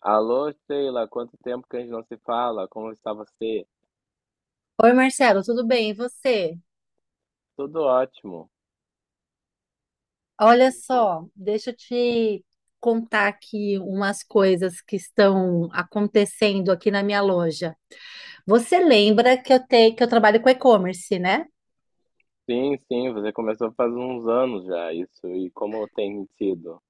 Alô, Sheila, quanto tempo que a gente não se fala? Como está você? Oi, Marcelo, tudo bem? E você? Tudo ótimo. Que Olha me conta. só, deixa eu te contar aqui umas coisas que estão acontecendo aqui na minha loja. Você lembra que eu tenho que eu trabalho com e-commerce, né? Sim, você começou faz uns anos já isso. E como tem sido?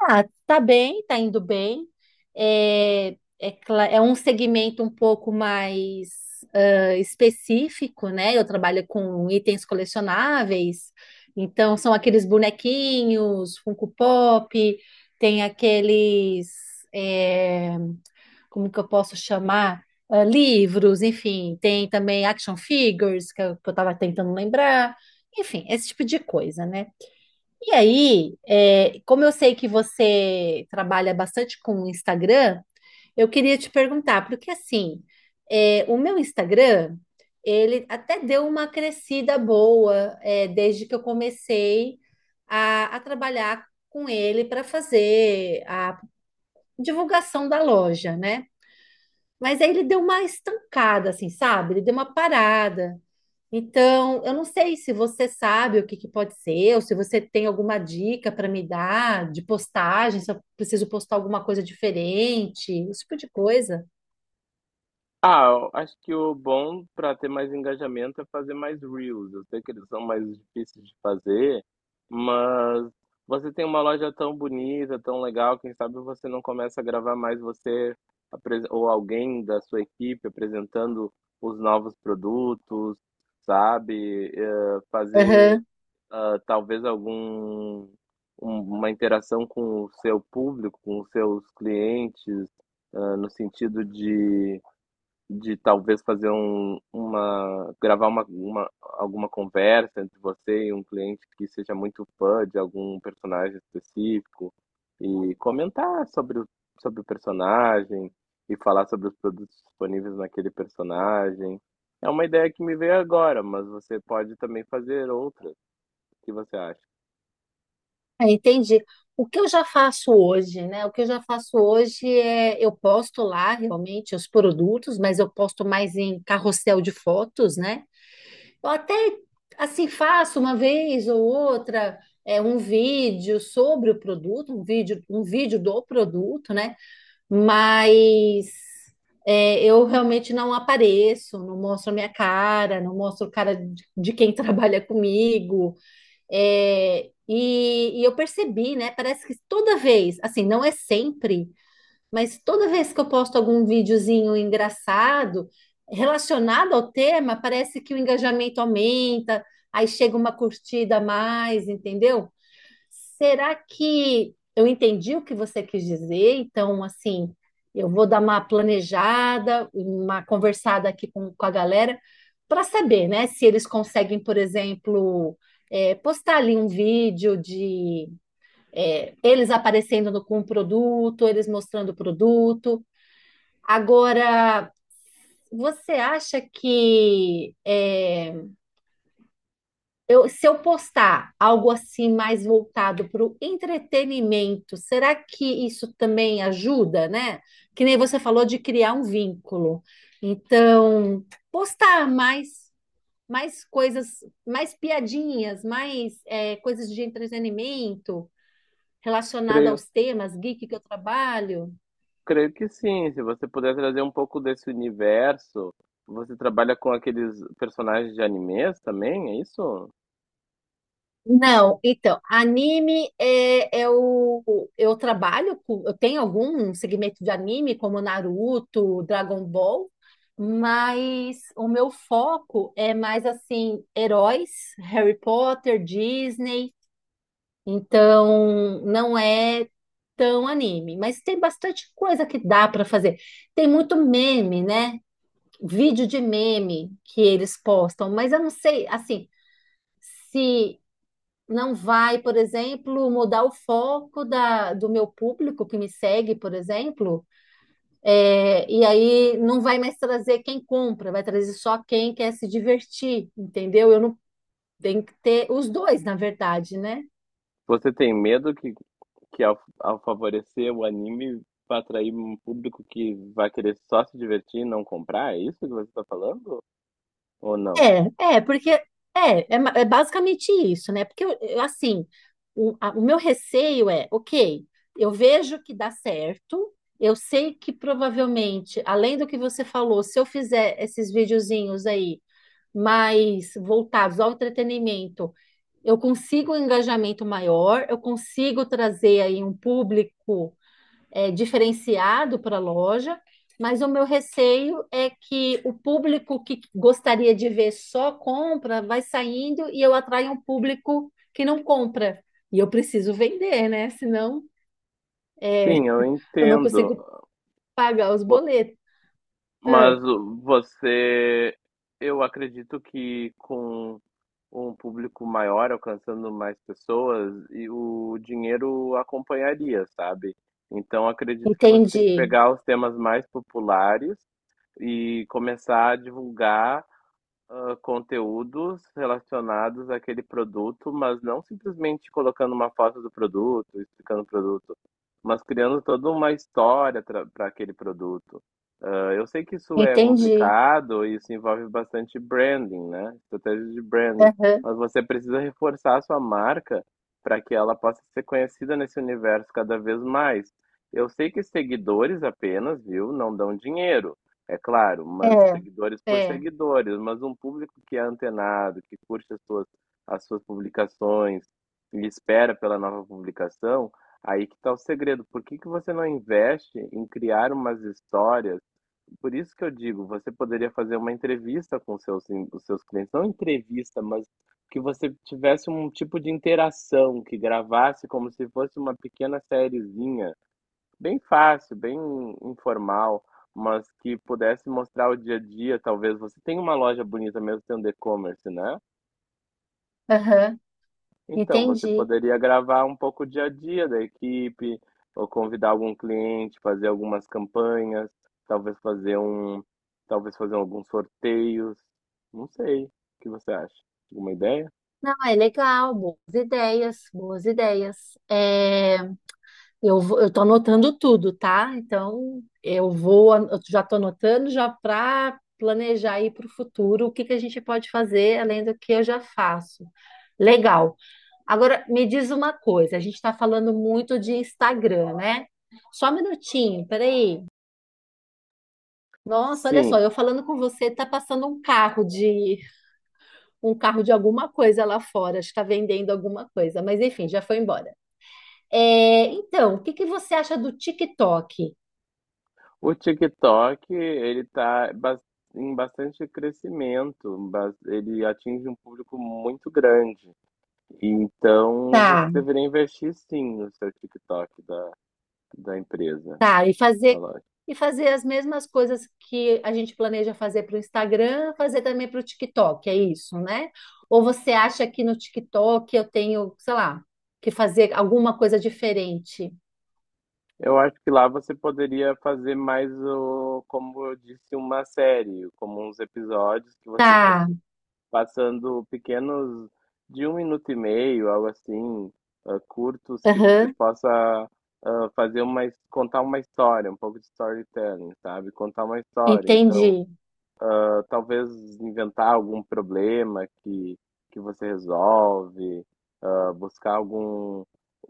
Ah, tá bem, tá indo bem. É é um segmento um pouco mais específico, né? Eu trabalho com itens colecionáveis, então são aqueles bonequinhos, Funko Pop, tem aqueles, é, como que eu posso chamar? Ah, livros, enfim, tem também action figures, que eu tava tentando lembrar, enfim, esse tipo de coisa, né? E aí, como eu sei que você trabalha bastante com o Instagram, eu queria te perguntar, porque assim, o meu Instagram, ele até deu uma crescida boa, desde que eu comecei a trabalhar com ele para fazer a divulgação da loja, né? Mas aí ele deu uma estancada, assim, sabe? Ele deu uma parada. Então, eu não sei se você sabe o que que pode ser, ou se você tem alguma dica para me dar de postagem, se eu preciso postar alguma coisa diferente, esse tipo de coisa. Ah, eu acho que o bom para ter mais engajamento é fazer mais reels. Eu sei que eles são mais difíceis de fazer, mas você tem uma loja tão bonita, tão legal, quem sabe você não começa a gravar mais você ou alguém da sua equipe apresentando os novos produtos, sabe? Fazer Aham, talvez algum uma interação com o seu público, com os seus clientes, ah, no sentido de talvez fazer um uma gravar uma alguma conversa entre você e um cliente que seja muito fã de algum personagem específico, e comentar sobre o personagem, e falar sobre os produtos disponíveis naquele personagem. É uma ideia que me veio agora, mas você pode também fazer outras. O que você acha? Entendi. O que eu já faço hoje, né? O que eu já faço hoje é eu posto lá realmente os produtos, mas eu posto mais em carrossel de fotos, né? Eu até assim faço uma vez ou outra um vídeo sobre o produto, um vídeo do produto, né? Mas eu realmente não apareço, não mostro a minha cara, não mostro a cara de quem trabalha comigo. E eu percebi, né? Parece que toda vez, assim, não é sempre, mas toda vez que eu posto algum videozinho engraçado relacionado ao tema, parece que o engajamento aumenta, aí chega uma curtida a mais, entendeu? Será que eu entendi o que você quis dizer? Então, assim, eu vou dar uma planejada, uma conversada aqui com a galera, para saber, né, se eles conseguem, por exemplo, postar ali um vídeo de eles aparecendo com o produto, eles mostrando o produto. Agora, você acha que. É, Eu, se eu postar algo assim mais voltado para o entretenimento, será que isso também ajuda, né? Que nem você falou de criar um vínculo. Então, postar mais, mais coisas, mais piadinhas, mais coisas de entretenimento relacionado Creio. aos temas geek que eu trabalho. Creio que sim, se você puder trazer um pouco desse universo. Você trabalha com aqueles personagens de animes também, é isso? Não, então, anime é, é o. Eu trabalho com. Eu tenho algum segmento de anime, como Naruto, Dragon Ball, mas o meu foco é mais assim: heróis, Harry Potter, Disney. Então, não é tão anime, mas tem bastante coisa que dá para fazer. Tem muito meme, né? Vídeo de meme que eles postam, mas eu não sei, assim. Se não vai, por exemplo, mudar o foco da, do meu público que me segue, por exemplo, e aí não vai mais trazer quem compra, vai trazer só quem quer se divertir, entendeu? Eu não tenho que ter os dois, na verdade, né? Você tem medo que ao favorecer o anime vai atrair um público que vai querer só se divertir e não comprar? É isso que você está falando? Ou não? Porque é basicamente isso, né? Porque eu, assim, o meu receio é, ok, eu vejo que dá certo, eu sei que provavelmente, além do que você falou, se eu fizer esses videozinhos aí mais voltados ao entretenimento, eu consigo um engajamento maior, eu consigo trazer aí um público diferenciado para a loja, mas o meu receio é que o público que gostaria de ver só compra vai saindo e eu atraio um público que não compra. E eu preciso vender, né? Senão é, Sim, eu eu não entendo. consigo pagar os Vo- boletos. Ah, você, eu acredito que com um público maior, alcançando mais pessoas, e o dinheiro acompanharia, sabe? Então acredito que você tem que entendi, pegar os temas mais populares e começar a divulgar ah, conteúdos relacionados àquele produto, mas não simplesmente colocando uma foto do produto, explicando o produto, mas criando toda uma história para aquele produto. Ah, eu sei que isso é entendi. complicado e isso envolve bastante branding, né? Estratégia de branding. Aham, Mas você precisa reforçar a sua marca para que ela possa ser conhecida nesse universo cada vez mais. Eu sei que seguidores apenas, viu, não dão dinheiro. É claro, mas seguidores É, por é, seguidores, mas um público que é antenado, que curte as suas publicações e espera pela nova publicação, aí que está o segredo. Por que que você não investe em criar umas histórias? Por isso que eu digo, você poderia fazer uma entrevista com os seus clientes, não entrevista, mas que você tivesse um tipo de interação, que gravasse como se fosse uma pequena sériezinha. Bem fácil, bem informal, mas que pudesse mostrar o dia a dia, talvez você tem uma loja bonita mesmo tendo e-commerce, né? aham. Então, você Entendi. poderia gravar um pouco o dia a dia da equipe, ou convidar algum cliente, fazer algumas campanhas, talvez fazer um, talvez fazer alguns sorteios, não sei. O que você acha? Alguma ideia? Não, é legal, boas ideias, boas ideias. É, eu tô anotando tudo, tá? Então, eu já tô anotando já para planejar aí para o futuro o que que a gente pode fazer além do que eu já faço. Legal. Agora, me diz uma coisa, a gente está falando muito de Instagram, né? Só um minutinho, peraí. Nossa, olha só, Sim, eu falando com você, tá passando um carro de alguma coisa lá fora, está vendendo alguma coisa, mas enfim, já foi embora. Então, o que que você acha do TikTok? o TikTok, ele em bastante crescimento, ele atinge um público muito grande. Então, você Tá, deveria investir sim no seu TikTok da, da empresa, tá, e da fazer loja. e fazer as mesmas coisas que a gente planeja fazer para o Instagram, fazer também para o TikTok, é isso, né? Ou você acha que no TikTok eu tenho, sei lá, que fazer alguma coisa diferente? Eu acho que lá você poderia fazer mais, o, como eu disse, uma série, como uns episódios que você Tá, passando pequenos de um minuto e meio, algo assim, ah, curtos que você aham, possa ah, fazer uma, contar uma história, um pouco de storytelling, sabe? Contar uma história. Então, entendi, ah, talvez inventar algum problema que você resolve, ah, buscar algum.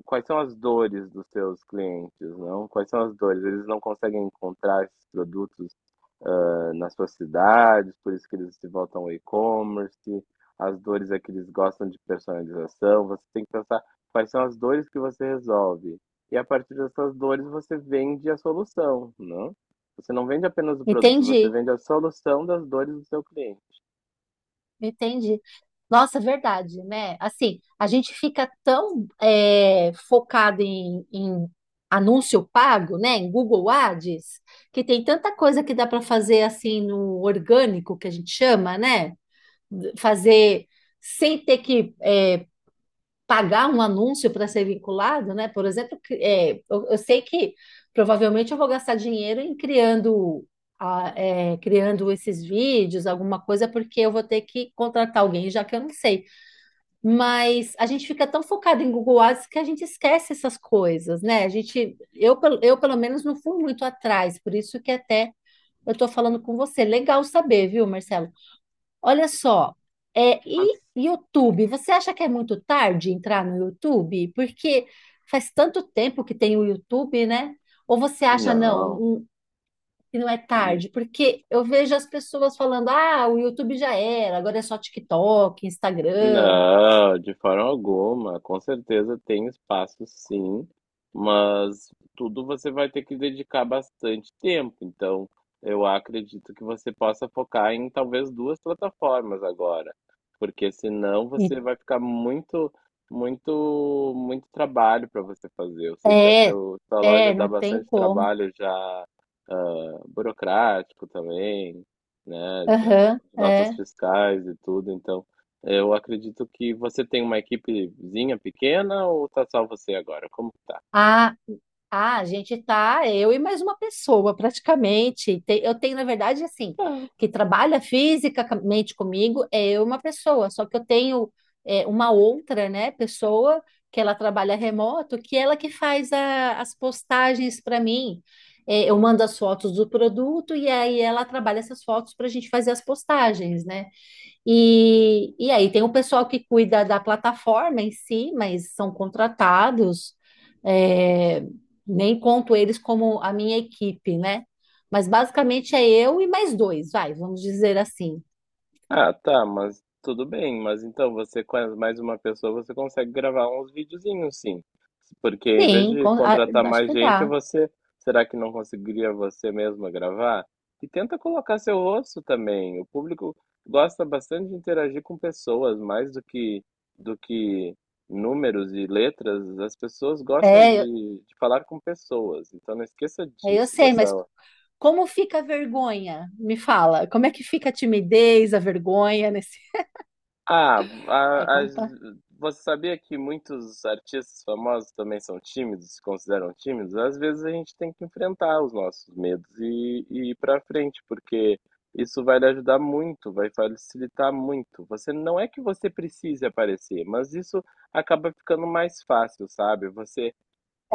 Quais são as dores dos seus clientes, não? Quais são as dores? Eles não conseguem encontrar esses produtos nas suas cidades, por isso que eles se voltam ao e-commerce, as dores é que eles gostam de personalização, você tem que pensar quais são as dores que você resolve. E a partir dessas dores você vende a solução, não? Você não vende apenas o produto, você entendi. vende a solução das dores do seu cliente. Entendi. Nossa, verdade, né? Assim, a gente fica tão focado em anúncio pago, né? Em Google Ads, que tem tanta coisa que dá para fazer assim no orgânico, que a gente chama, né? Fazer sem ter que pagar um anúncio para ser vinculado, né? Por exemplo, eu sei que provavelmente eu vou gastar dinheiro em criando, criando esses vídeos, alguma coisa, porque eu vou ter que contratar alguém, já que eu não sei. Mas a gente fica tão focado em Google Ads que a gente esquece essas coisas, né? A gente, eu pelo menos não fui muito atrás, por isso que até eu estou falando com você. Legal saber, viu, Marcelo? Olha só, Mas e YouTube? Você acha que é muito tarde entrar no YouTube? Porque faz tanto tempo que tem o YouTube, né? Ou você acha, não, não. Que não é tarde? Porque eu vejo as pessoas falando, ah, o YouTube já era, agora é só TikTok, Instagram. Não, de forma alguma. Com certeza tem espaço, sim, mas tudo você vai ter que dedicar bastante tempo. Então, eu acredito que você possa focar em talvez duas plataformas agora, porque senão E- você vai ficar muito, muito trabalho para você fazer. Eu sei que a É, sua loja é, dá não tem bastante como. trabalho já ah, burocrático também, né? Da Aham, questão de notas é. fiscais e tudo. Então, eu acredito que você tem uma equipezinha pequena ou tá só você agora? Como que tá? Ah, Ah, a gente tá, eu e mais uma pessoa, praticamente. Eu tenho, na verdade, assim, que trabalha fisicamente comigo, é eu e uma pessoa, só que eu tenho uma outra, né, pessoa que ela trabalha remoto, que ela que faz as postagens para mim. Eu mando as fotos do produto e aí ela trabalha essas fotos para a gente fazer as postagens, né? E aí tem o pessoal que cuida da plataforma em si, mas são contratados, é, nem conto eles como a minha equipe, né? Mas basicamente é eu e mais dois, vai, vamos dizer assim. Ah, tá, mas tudo bem. Mas então você com mais uma pessoa, você consegue gravar uns videozinhos, sim. Porque em vez Sim, de contratar acho mais que gente, dá. você, será que não conseguiria você mesma gravar? E tenta colocar seu rosto também. O público gosta bastante de interagir com pessoas, mais do que do que números e letras. As pessoas gostam É, eu, de falar com pessoas. Então não esqueça eu disso, sei, dessa. mas como fica a vergonha? Me fala, como é que fica a timidez, a vergonha nesse... Ah, É, a- as- compla... você sabia que muitos artistas famosos também são tímidos, se consideram tímidos? Às vezes a gente tem que enfrentar os nossos medos e ir pra frente, porque isso vai lhe ajudar muito, vai facilitar muito. Você não é que você precise aparecer, mas isso acaba ficando mais fácil, sabe? Você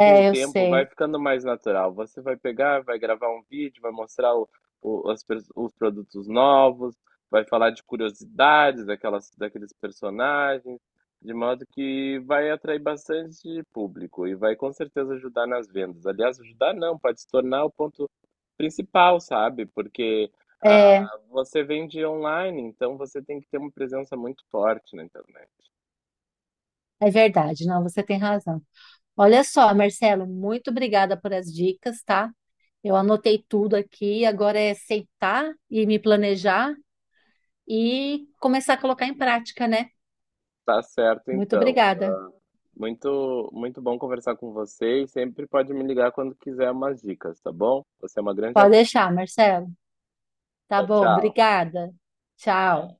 com o eu tempo vai sei. ficando mais natural. Você vai pegar, vai gravar um vídeo, vai mostrar o, os produtos novos, vai falar de curiosidades daquelas, daqueles personagens, de modo que vai atrair bastante público e vai com certeza ajudar nas vendas. Aliás, ajudar não, pode se tornar o ponto principal, sabe? Porque É, ah, você vende online, então você tem que ter uma presença muito forte na internet. é verdade, não, você tem razão. Olha só, Marcelo, muito obrigada por as dicas, tá? Eu anotei tudo aqui, agora é sentar e me planejar e começar a colocar em prática, né? Tá certo, Muito então. obrigada. Muito, muito bom conversar com você e sempre pode me ligar quando quiser umas dicas, tá bom? Você é uma grande Pode amiga. deixar, Marcelo. Tá bom, Tchau, obrigada. Tchau. tchau.